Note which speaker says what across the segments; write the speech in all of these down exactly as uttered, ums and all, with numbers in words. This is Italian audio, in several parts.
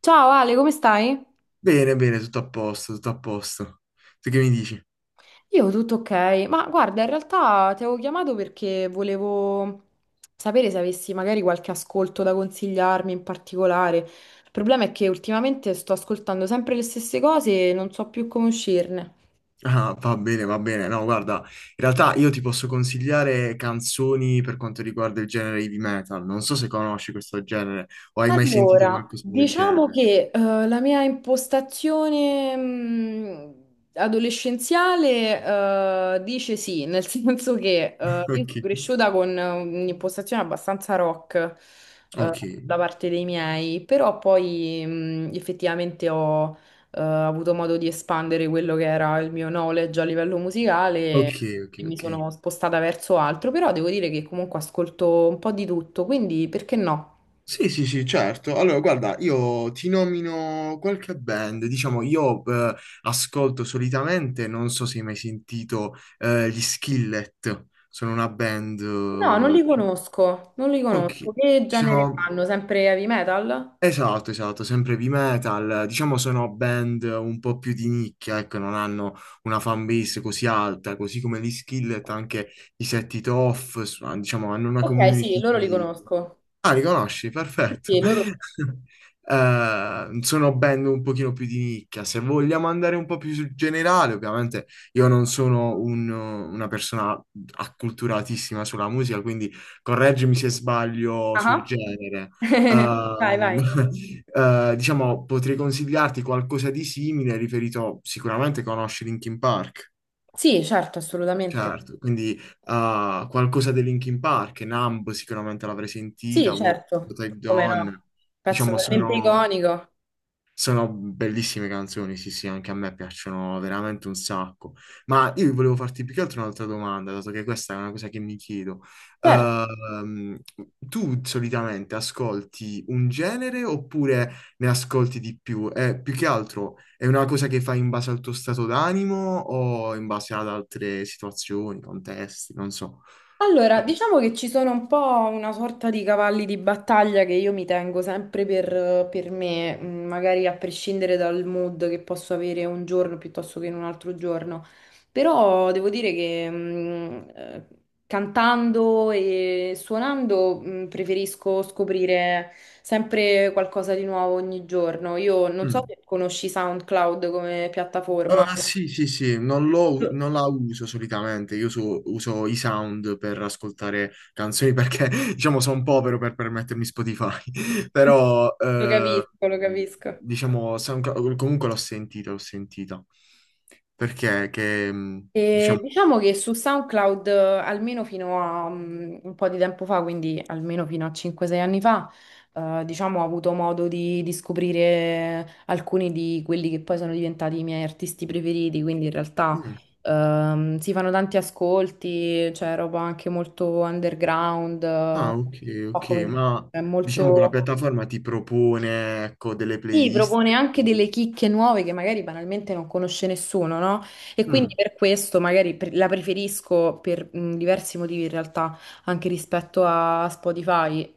Speaker 1: Ciao Ale, come stai?
Speaker 2: Bene, bene, tutto a posto, tutto a posto. Tu che mi dici?
Speaker 1: Io tutto ok, ma guarda, in realtà ti avevo chiamato perché volevo sapere se avessi magari qualche ascolto da consigliarmi in particolare. Il problema è che ultimamente sto ascoltando sempre le stesse cose e non so più come uscirne.
Speaker 2: Ah, va bene, va bene. No, guarda, in realtà io ti posso consigliare canzoni per quanto riguarda il genere heavy metal. Non so se conosci questo genere o hai mai sentito
Speaker 1: Allora,
Speaker 2: qualcosa del
Speaker 1: diciamo
Speaker 2: genere.
Speaker 1: che eh, la mia impostazione mh, adolescenziale eh, dice sì, nel senso che eh, io
Speaker 2: Ok,
Speaker 1: sono cresciuta con eh, un'impostazione abbastanza rock eh,
Speaker 2: ok,
Speaker 1: da parte dei miei, però poi mh, effettivamente ho eh, avuto modo di espandere quello che era il mio knowledge a livello musicale.
Speaker 2: ok, ok,
Speaker 1: E mi
Speaker 2: ok.
Speaker 1: sono spostata verso altro, però devo dire che comunque ascolto un po' di tutto, quindi perché no?
Speaker 2: Sì, sì, sì, certo. Allora, guarda, io ti nomino qualche band. Diciamo, io eh, ascolto solitamente, non so se hai mai sentito eh, gli Skillet. Sono una band...
Speaker 1: No, non
Speaker 2: eh,
Speaker 1: li conosco, non li
Speaker 2: Ok,
Speaker 1: conosco. Che
Speaker 2: ci
Speaker 1: genere
Speaker 2: sono...
Speaker 1: fanno? Sempre heavy metal?
Speaker 2: Esatto, esatto, sempre heavy metal, diciamo sono band un po' più di nicchia, ecco, non hanno una fan base così alta, così come gli Skillet, anche i Set It Off, s- diciamo, hanno una
Speaker 1: Ok, sì,
Speaker 2: community.
Speaker 1: loro li conosco.
Speaker 2: Ah, li conosci?
Speaker 1: Sì,
Speaker 2: Perfetto.
Speaker 1: sì, loro sì.
Speaker 2: Eh, sono band un pochino più di nicchia. Se vogliamo andare un po' più sul generale, ovviamente io non sono un- una persona acculturatissima sulla musica, quindi correggimi se sbaglio sul
Speaker 1: Ah.
Speaker 2: genere.
Speaker 1: Vai,
Speaker 2: Ehm,
Speaker 1: vai.
Speaker 2: eh, diciamo, potrei consigliarti qualcosa di simile, riferito sicuramente conosci Linkin Park.
Speaker 1: Sì, certo, assolutamente.
Speaker 2: Certo, quindi ah, qualcosa dei Linkin Park, Numb sicuramente l'avrei
Speaker 1: Sì,
Speaker 2: sentita, What
Speaker 1: certo.
Speaker 2: What I've
Speaker 1: Come
Speaker 2: Done,
Speaker 1: no? Pezzo
Speaker 2: diciamo
Speaker 1: veramente
Speaker 2: sono...
Speaker 1: iconico.
Speaker 2: Sono bellissime canzoni, sì, sì, anche a me piacciono veramente un sacco. Ma io volevo farti più che altro un'altra domanda, dato che questa è una cosa che mi chiedo.
Speaker 1: Certo.
Speaker 2: Ehm, tu solitamente ascolti un genere oppure ne ascolti di più? Eh, più che altro è una cosa che fai in base al tuo stato d'animo o in base ad altre situazioni, contesti, non so.
Speaker 1: Allora, diciamo che ci sono un po' una sorta di cavalli di battaglia che io mi tengo sempre per, per me, mm, magari a prescindere dal mood che posso avere un giorno piuttosto che in un altro giorno. Però devo dire che mm, eh, cantando e suonando mm, preferisco scoprire sempre qualcosa di nuovo ogni giorno. Io non so
Speaker 2: Mm.
Speaker 1: se conosci SoundCloud come piattaforma.
Speaker 2: Ah, sì, sì, sì, non, lo-
Speaker 1: Lo
Speaker 2: non la uso solitamente, io uso, uso i sound per ascoltare canzoni perché, diciamo, sono povero per permettermi Spotify, però,
Speaker 1: lo
Speaker 2: eh,
Speaker 1: capisco, lo capisco.
Speaker 2: diciamo, Soundcloud- comunque l'ho sentita, l'ho sentita, perché, che, mh,
Speaker 1: E
Speaker 2: diciamo,
Speaker 1: diciamo che su SoundCloud, eh, almeno fino a mm, un po' di tempo fa, quindi almeno fino a cinque sei anni fa, eh, diciamo, ho avuto modo di, di scoprire alcuni di quelli che poi sono diventati i miei artisti preferiti, quindi in realtà
Speaker 2: mm,
Speaker 1: ehm, si fanno tanti ascolti, c'è roba anche molto underground, eh, un
Speaker 2: ah, ok,
Speaker 1: po'
Speaker 2: ok,
Speaker 1: come dire,
Speaker 2: ma,
Speaker 1: è
Speaker 2: diciamo che la
Speaker 1: molto...
Speaker 2: piattaforma ti propone, ecco, delle
Speaker 1: Sì,
Speaker 2: playlist.
Speaker 1: propone anche delle chicche nuove che magari banalmente non conosce nessuno, no? E quindi
Speaker 2: Mm,
Speaker 1: per questo magari pre- la preferisco per mh, diversi motivi in realtà, anche rispetto a Spotify.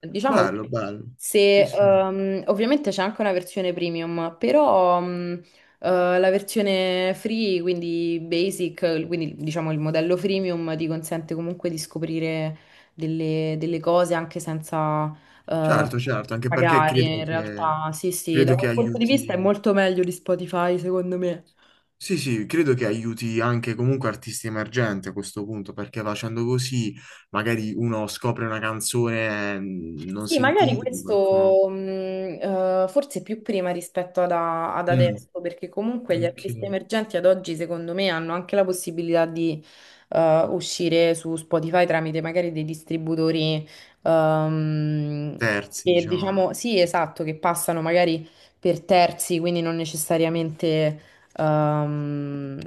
Speaker 1: Diciamo
Speaker 2: bello,
Speaker 1: che
Speaker 2: bello, sì,
Speaker 1: se
Speaker 2: sì.
Speaker 1: ehm, ovviamente c'è anche una versione premium, però mh, eh, la versione free, quindi basic, quindi diciamo il modello freemium ti consente comunque di scoprire delle delle cose anche senza eh,
Speaker 2: Certo, certo, anche perché
Speaker 1: pagare
Speaker 2: credo
Speaker 1: in
Speaker 2: che,
Speaker 1: realtà. Sì, sì, da
Speaker 2: credo che
Speaker 1: quel punto di vista è
Speaker 2: aiuti,
Speaker 1: molto meglio di Spotify, secondo me.
Speaker 2: sì, sì, credo che aiuti anche comunque artisti emergenti a questo punto, perché facendo così magari uno scopre una canzone mm, non
Speaker 1: Sì, magari
Speaker 2: sentita di qualcuno.
Speaker 1: questo mh, eh, forse più prima rispetto ad, a- ad
Speaker 2: Mm,
Speaker 1: adesso, perché comunque gli
Speaker 2: ok,
Speaker 1: artisti emergenti ad oggi, secondo me, hanno anche la possibilità di eh, uscire su Spotify tramite magari dei distributori ehm,
Speaker 2: terzi,
Speaker 1: che
Speaker 2: diciamo.
Speaker 1: diciamo, sì, esatto, che passano magari per terzi, quindi non necessariamente ehm,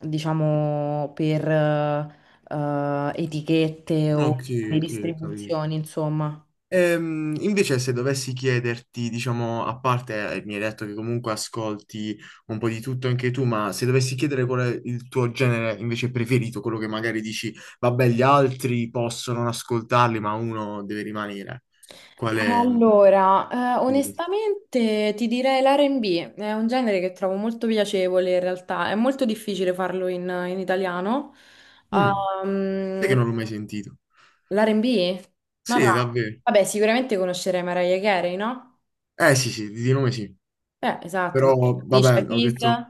Speaker 1: diciamo per eh, eh, etichette o
Speaker 2: Ok,
Speaker 1: di
Speaker 2: ok, ho capito.
Speaker 1: distribuzioni, insomma.
Speaker 2: Ehm, invece, se dovessi chiederti, diciamo, a parte, eh, mi hai detto che comunque ascolti un po' di tutto anche tu, ma se dovessi chiedere qual è il tuo genere invece preferito, quello che magari dici, vabbè, gli altri possono non ascoltarli, ma uno deve rimanere. Qual è?
Speaker 1: Allora, eh, onestamente ti direi l'R e B, è un genere che trovo molto piacevole in realtà, è molto difficile farlo in, in italiano.
Speaker 2: Mm, sai che
Speaker 1: Ehm,
Speaker 2: non l'ho mai sentito.
Speaker 1: l'R e B? Ma va,
Speaker 2: Sì, davvero.
Speaker 1: vabbè, sicuramente conoscerei Mariah Carey, no?
Speaker 2: Eh sì, sì, di nome sì.
Speaker 1: Eh, esatto, ma
Speaker 2: Però,
Speaker 1: Alicia
Speaker 2: vabbè, ho
Speaker 1: Keys.
Speaker 2: detto,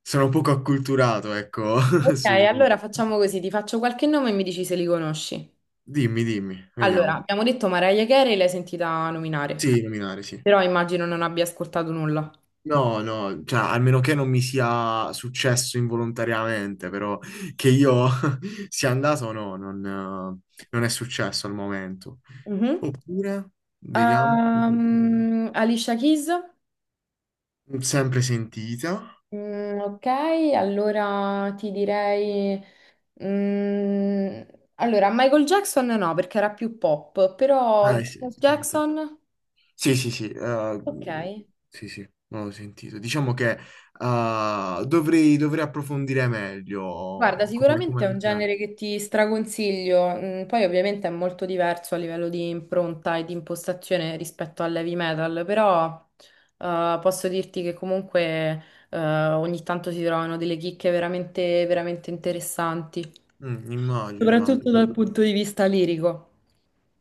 Speaker 2: sono poco acculturato, ecco,
Speaker 1: Ok,
Speaker 2: sui
Speaker 1: allora
Speaker 2: nomi.
Speaker 1: facciamo così, ti faccio qualche nome e mi dici se li conosci.
Speaker 2: Dimmi, dimmi,
Speaker 1: Allora,
Speaker 2: vediamo.
Speaker 1: abbiamo detto Mariah Carey, l'hai sentita nominare,
Speaker 2: Sì, nominare, sì.
Speaker 1: però immagino non abbia ascoltato nulla.
Speaker 2: No, no, cioè, a meno che non mi sia successo involontariamente, però che io sia andato, no, non, eh, non è successo al momento.
Speaker 1: Mhm.
Speaker 2: Oppure, vediamo,
Speaker 1: Ehm, Alicia Keys?
Speaker 2: mm, sempre sentita.
Speaker 1: Mm, ok, allora ti direi... mm, allora, Michael Jackson no, perché era più pop, però
Speaker 2: Eh, sì, sì, senta.
Speaker 1: Jackson...
Speaker 2: Sì, sì, sì, eh,
Speaker 1: Ok.
Speaker 2: sì, sì, non l'ho sentito. Diciamo che eh, dovrei, dovrei approfondire
Speaker 1: Guarda,
Speaker 2: meglio come,
Speaker 1: sicuramente è un
Speaker 2: come, cioè,
Speaker 1: genere che ti straconsiglio, mm, poi ovviamente è molto diverso a livello di impronta e di impostazione rispetto all'heavy metal, però eh, posso dirti che comunque eh, ogni tanto si trovano delle chicche veramente, veramente interessanti.
Speaker 2: mm, immagino,
Speaker 1: Soprattutto dal
Speaker 2: immagino.
Speaker 1: punto di vista lirico.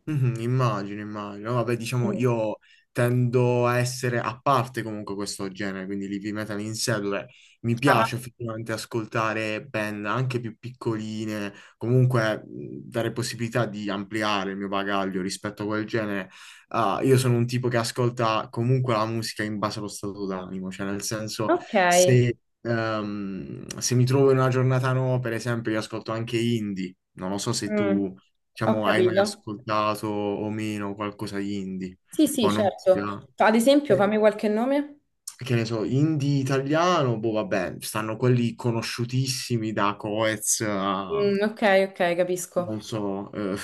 Speaker 2: Mhm, immagino, immagino. Vabbè, diciamo,
Speaker 1: Mm.
Speaker 2: io tendo a essere a parte comunque questo genere, quindi l'heavy metal in sé, dove mi
Speaker 1: Ah,
Speaker 2: piace effettivamente ascoltare band anche più piccoline, comunque mh, dare possibilità di ampliare il mio bagaglio rispetto a quel genere. Ah, io sono un tipo che ascolta comunque la musica in base allo stato d'animo, cioè nel senso
Speaker 1: ok,
Speaker 2: se, ehm, se mi trovo in una giornata no, per esempio, io ascolto anche indie, non lo so se
Speaker 1: mm,
Speaker 2: tu
Speaker 1: ho
Speaker 2: diciamo, hai mai
Speaker 1: capito.
Speaker 2: ascoltato o meno qualcosa di indie?
Speaker 1: Sì, sì,
Speaker 2: O non ti
Speaker 1: certo.
Speaker 2: piace?
Speaker 1: Fa- Ad esempio,
Speaker 2: Eh,
Speaker 1: fammi qualche nome.
Speaker 2: Che ne so, indie italiano, boh, vabbè, stanno quelli conosciutissimi da Coez a,
Speaker 1: Mm, ok, ok,
Speaker 2: non
Speaker 1: capisco.
Speaker 2: so, eh,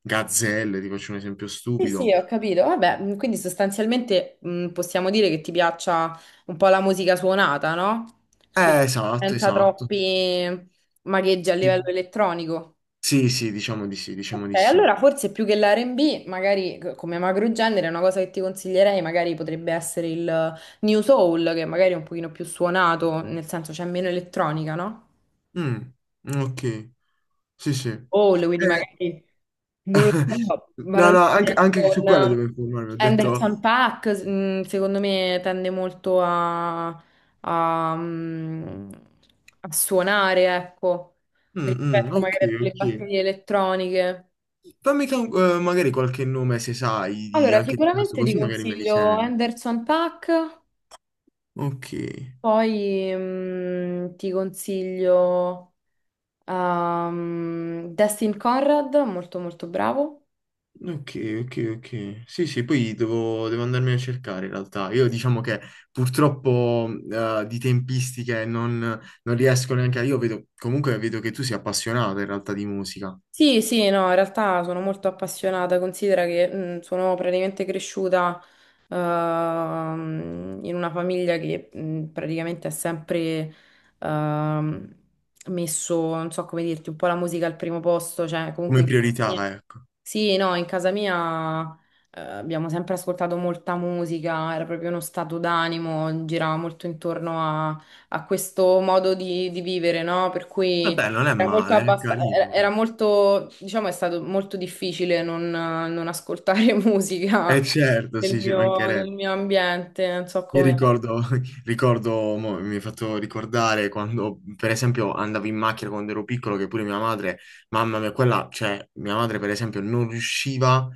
Speaker 2: Gazzelle, ti faccio un esempio
Speaker 1: Sì, sì,
Speaker 2: stupido.
Speaker 1: ho capito. Vabbè, mm, quindi sostanzialmente mm, possiamo dire che ti piaccia un po' la musica suonata, no? Quindi
Speaker 2: Eh, esatto,
Speaker 1: senza
Speaker 2: esatto.
Speaker 1: troppi magheggi a livello
Speaker 2: Sì,
Speaker 1: elettronico.
Speaker 2: sì, sì, diciamo di sì, diciamo
Speaker 1: Ok,
Speaker 2: di sì.
Speaker 1: allora forse più che l'R e B, magari c- come macrogenere, una cosa che ti consiglierei magari potrebbe essere il New Soul, che magari è un pochino più suonato, nel senso c'è meno elettronica, no?
Speaker 2: Mm, ok, sì, sì. Eh,
Speaker 1: Soul, quindi magari, non lo so,
Speaker 2: no, no,
Speaker 1: banalmente
Speaker 2: anche, anche su quello
Speaker 1: con
Speaker 2: devo informarmi, ho detto,
Speaker 1: Anderson Paak, secondo me tende molto a, a, mm, a suonare, ecco,
Speaker 2: mm, mm,
Speaker 1: rispetto
Speaker 2: ok,
Speaker 1: magari a delle
Speaker 2: ok.
Speaker 1: batterie elettroniche.
Speaker 2: Fammi che- eh, magari qualche nome se sai di-
Speaker 1: Allora,
Speaker 2: anche di questo,
Speaker 1: sicuramente ti
Speaker 2: così magari me li
Speaker 1: consiglio
Speaker 2: sento.
Speaker 1: Anderson Paak,
Speaker 2: Ok,
Speaker 1: poi mm, ti consiglio ehm, Destin Conrad, molto molto bravo.
Speaker 2: ok, ok, ok. Sì, sì, poi devo, devo andarmene a cercare in realtà. Io diciamo che purtroppo eh, di tempistiche non, non riesco neanche a... Io vedo, comunque vedo che tu sei appassionato in realtà di musica,
Speaker 1: Sì, sì, no, in realtà sono molto appassionata, considera che mh, sono praticamente cresciuta ehm, in una famiglia che mh, praticamente ha sempre ehm, messo, non so come dirti, un po' la musica al primo posto, cioè comunque
Speaker 2: come
Speaker 1: in casa
Speaker 2: priorità,
Speaker 1: mia-
Speaker 2: ecco.
Speaker 1: sì, no, in casa mia eh, abbiamo sempre ascoltato molta musica, era proprio uno stato d'animo, girava molto intorno a, a questo modo di, di vivere, no? Per cui...
Speaker 2: Vabbè, non è
Speaker 1: Era molto,
Speaker 2: male, è
Speaker 1: abbasta- era
Speaker 2: carino.
Speaker 1: era molto, diciamo, è stato molto difficile non, non ascoltare
Speaker 2: Eh
Speaker 1: musica
Speaker 2: certo,
Speaker 1: nel
Speaker 2: sì, ci
Speaker 1: mio, nel
Speaker 2: mancherebbe.
Speaker 1: mio ambiente, non so
Speaker 2: Io
Speaker 1: come.
Speaker 2: ricordo, ricordo, mo mi hai fatto ricordare quando, per esempio, andavo in macchina quando ero piccolo, che pure mia madre, mamma mia, quella, cioè, mia madre, per esempio, non riusciva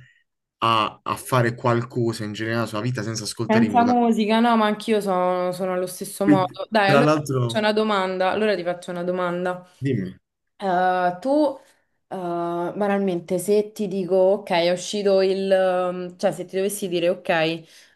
Speaker 2: a, a fare qualcosa in generale nella sua vita senza ascoltare i
Speaker 1: Senza
Speaker 2: moda.
Speaker 1: musica, no, ma anch'io sono, sono allo stesso
Speaker 2: Quindi,
Speaker 1: modo. Dai,
Speaker 2: tra
Speaker 1: allora c'è
Speaker 2: l'altro,
Speaker 1: una domanda, allora ti faccio una domanda.
Speaker 2: dimmi,
Speaker 1: Eh, tu, eh, banalmente, se ti dico, ok, è uscito il... ehm, cioè, se ti dovessi dire, ok,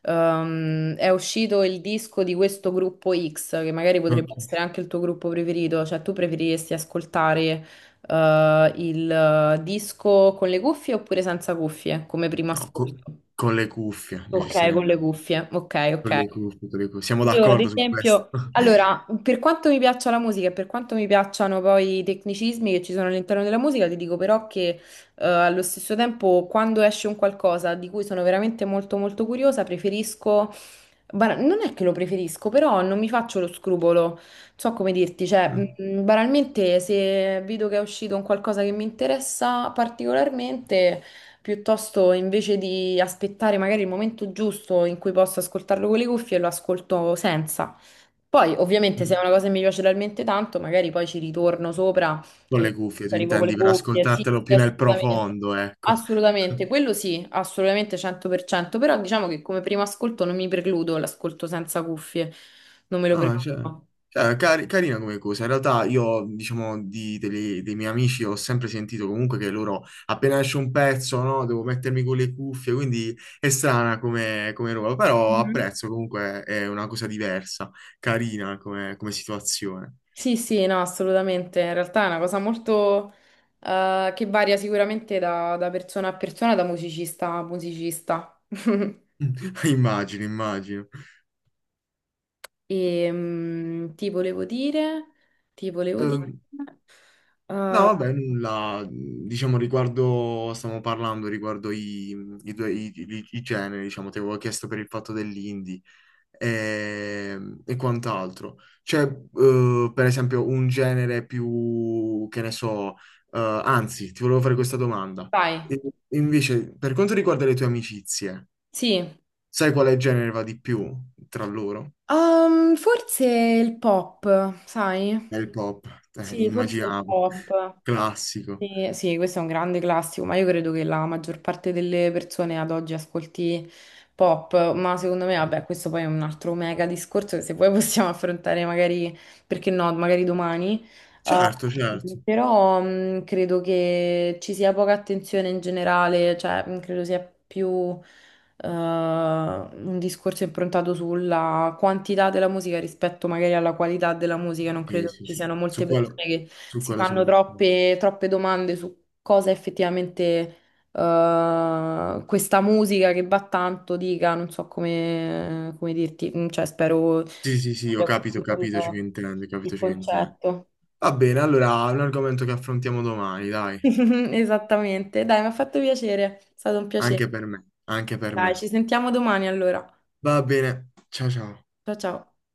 Speaker 1: ehm, è uscito il disco di questo gruppo X, che magari
Speaker 2: ok,
Speaker 1: potrebbe essere anche il tuo gruppo preferito, cioè tu preferiresti ascoltare, eh, il eh, disco con le cuffie oppure senza cuffie, come primo
Speaker 2: no, co-
Speaker 1: ascolto?
Speaker 2: con le cuffie,
Speaker 1: Ok, con le
Speaker 2: necessariamente,
Speaker 1: cuffie, ok, ok.
Speaker 2: con le cuffie, con le cuffie. Siamo
Speaker 1: Io ad
Speaker 2: d'accordo su questo?
Speaker 1: esempio, allora, per quanto mi piaccia la musica e per quanto mi piacciono poi i tecnicismi che ci sono all'interno della musica, ti dico però che eh, allo stesso tempo quando esce un qualcosa di cui sono veramente molto molto curiosa, preferisco, bara- non è che lo preferisco, però non mi faccio lo scrupolo, so come dirti, cioè mh, banalmente se vedo che è uscito un qualcosa che mi interessa particolarmente... Piuttosto invece di aspettare magari il momento giusto in cui posso ascoltarlo con le cuffie, lo ascolto senza. Poi, ovviamente, se è una cosa che mi piace talmente tanto, magari poi ci ritorno sopra
Speaker 2: Con
Speaker 1: e
Speaker 2: le cuffie, tu
Speaker 1: arrivo con le
Speaker 2: intendi, per
Speaker 1: cuffie. Sì,
Speaker 2: ascoltartelo
Speaker 1: sì,
Speaker 2: più nel
Speaker 1: assolutamente.
Speaker 2: profondo, ecco.
Speaker 1: Assolutamente, quello sì, assolutamente cento per cento, però diciamo che come primo ascolto non mi precludo l'ascolto senza cuffie, non me lo
Speaker 2: Ah, cioè,
Speaker 1: precludo.
Speaker 2: cioè, cari- carina come cosa. In realtà io, diciamo, di- degli- dei miei amici ho sempre sentito comunque che loro, appena esce un pezzo, no, devo mettermi con le cuffie, quindi è strana come, come roba, però
Speaker 1: Mhm.
Speaker 2: apprezzo comunque, è una cosa diversa, carina come, come situazione.
Speaker 1: Sì, sì, no, assolutamente. In realtà è una cosa molto eh, che varia sicuramente da, da persona a persona, da musicista a musicista.
Speaker 2: Immagino, immagino.
Speaker 1: E mm, ti volevo dire, ti volevo dire,
Speaker 2: Ehm, No,
Speaker 1: eh,
Speaker 2: vabbè, nulla, diciamo, riguardo, stiamo parlando riguardo i, i due, i, i- i generi, diciamo, ti avevo chiesto per il fatto dell'indie. E, e quant'altro. C'è, eh, per esempio, un genere più, che ne so, eh, anzi, ti volevo fare questa domanda.
Speaker 1: dai,
Speaker 2: E- invece, per quanto riguarda le tue amicizie,
Speaker 1: sì,
Speaker 2: sai quale genere va di più tra loro?
Speaker 1: Ehm, forse il pop,
Speaker 2: È
Speaker 1: sai?
Speaker 2: il pop, eh,
Speaker 1: Sì, forse il
Speaker 2: immaginavo,
Speaker 1: pop.
Speaker 2: classico.
Speaker 1: Sì, sì, questo è un grande classico, ma io credo che la maggior parte delle persone ad oggi ascolti pop, ma secondo me, vabbè, questo poi è un altro mega discorso che se poi possiamo affrontare magari, perché no, magari domani. Uh,
Speaker 2: Certo, certo.
Speaker 1: però mh, credo che ci sia poca attenzione in generale, cioè mh, credo sia più uh, un discorso improntato sulla quantità della musica rispetto magari alla qualità della musica. Non
Speaker 2: Sì,
Speaker 1: credo che
Speaker 2: sì,
Speaker 1: ci
Speaker 2: sì.
Speaker 1: siano molte
Speaker 2: Su quello,
Speaker 1: persone
Speaker 2: su
Speaker 1: si
Speaker 2: quello sono
Speaker 1: fanno
Speaker 2: d'accordo.
Speaker 1: troppe, troppe domande su cosa effettivamente eh, questa musica che va tanto dica, non so come, come dirti, mm, cioè spero
Speaker 2: Sì, sì, sì, ho
Speaker 1: abbia
Speaker 2: capito, ho
Speaker 1: capito il,
Speaker 2: capito ciò che intendi, ho
Speaker 1: il
Speaker 2: capito ciò che intendi.
Speaker 1: concetto.
Speaker 2: Va bene, allora è un argomento che affrontiamo domani, dai.
Speaker 1: Esattamente, dai, mi ha fatto piacere, è stato un
Speaker 2: Anche
Speaker 1: piacere.
Speaker 2: per me, anche per
Speaker 1: Dai,
Speaker 2: me.
Speaker 1: ci sentiamo domani allora.
Speaker 2: Va bene, ciao ciao.
Speaker 1: Ciao ciao.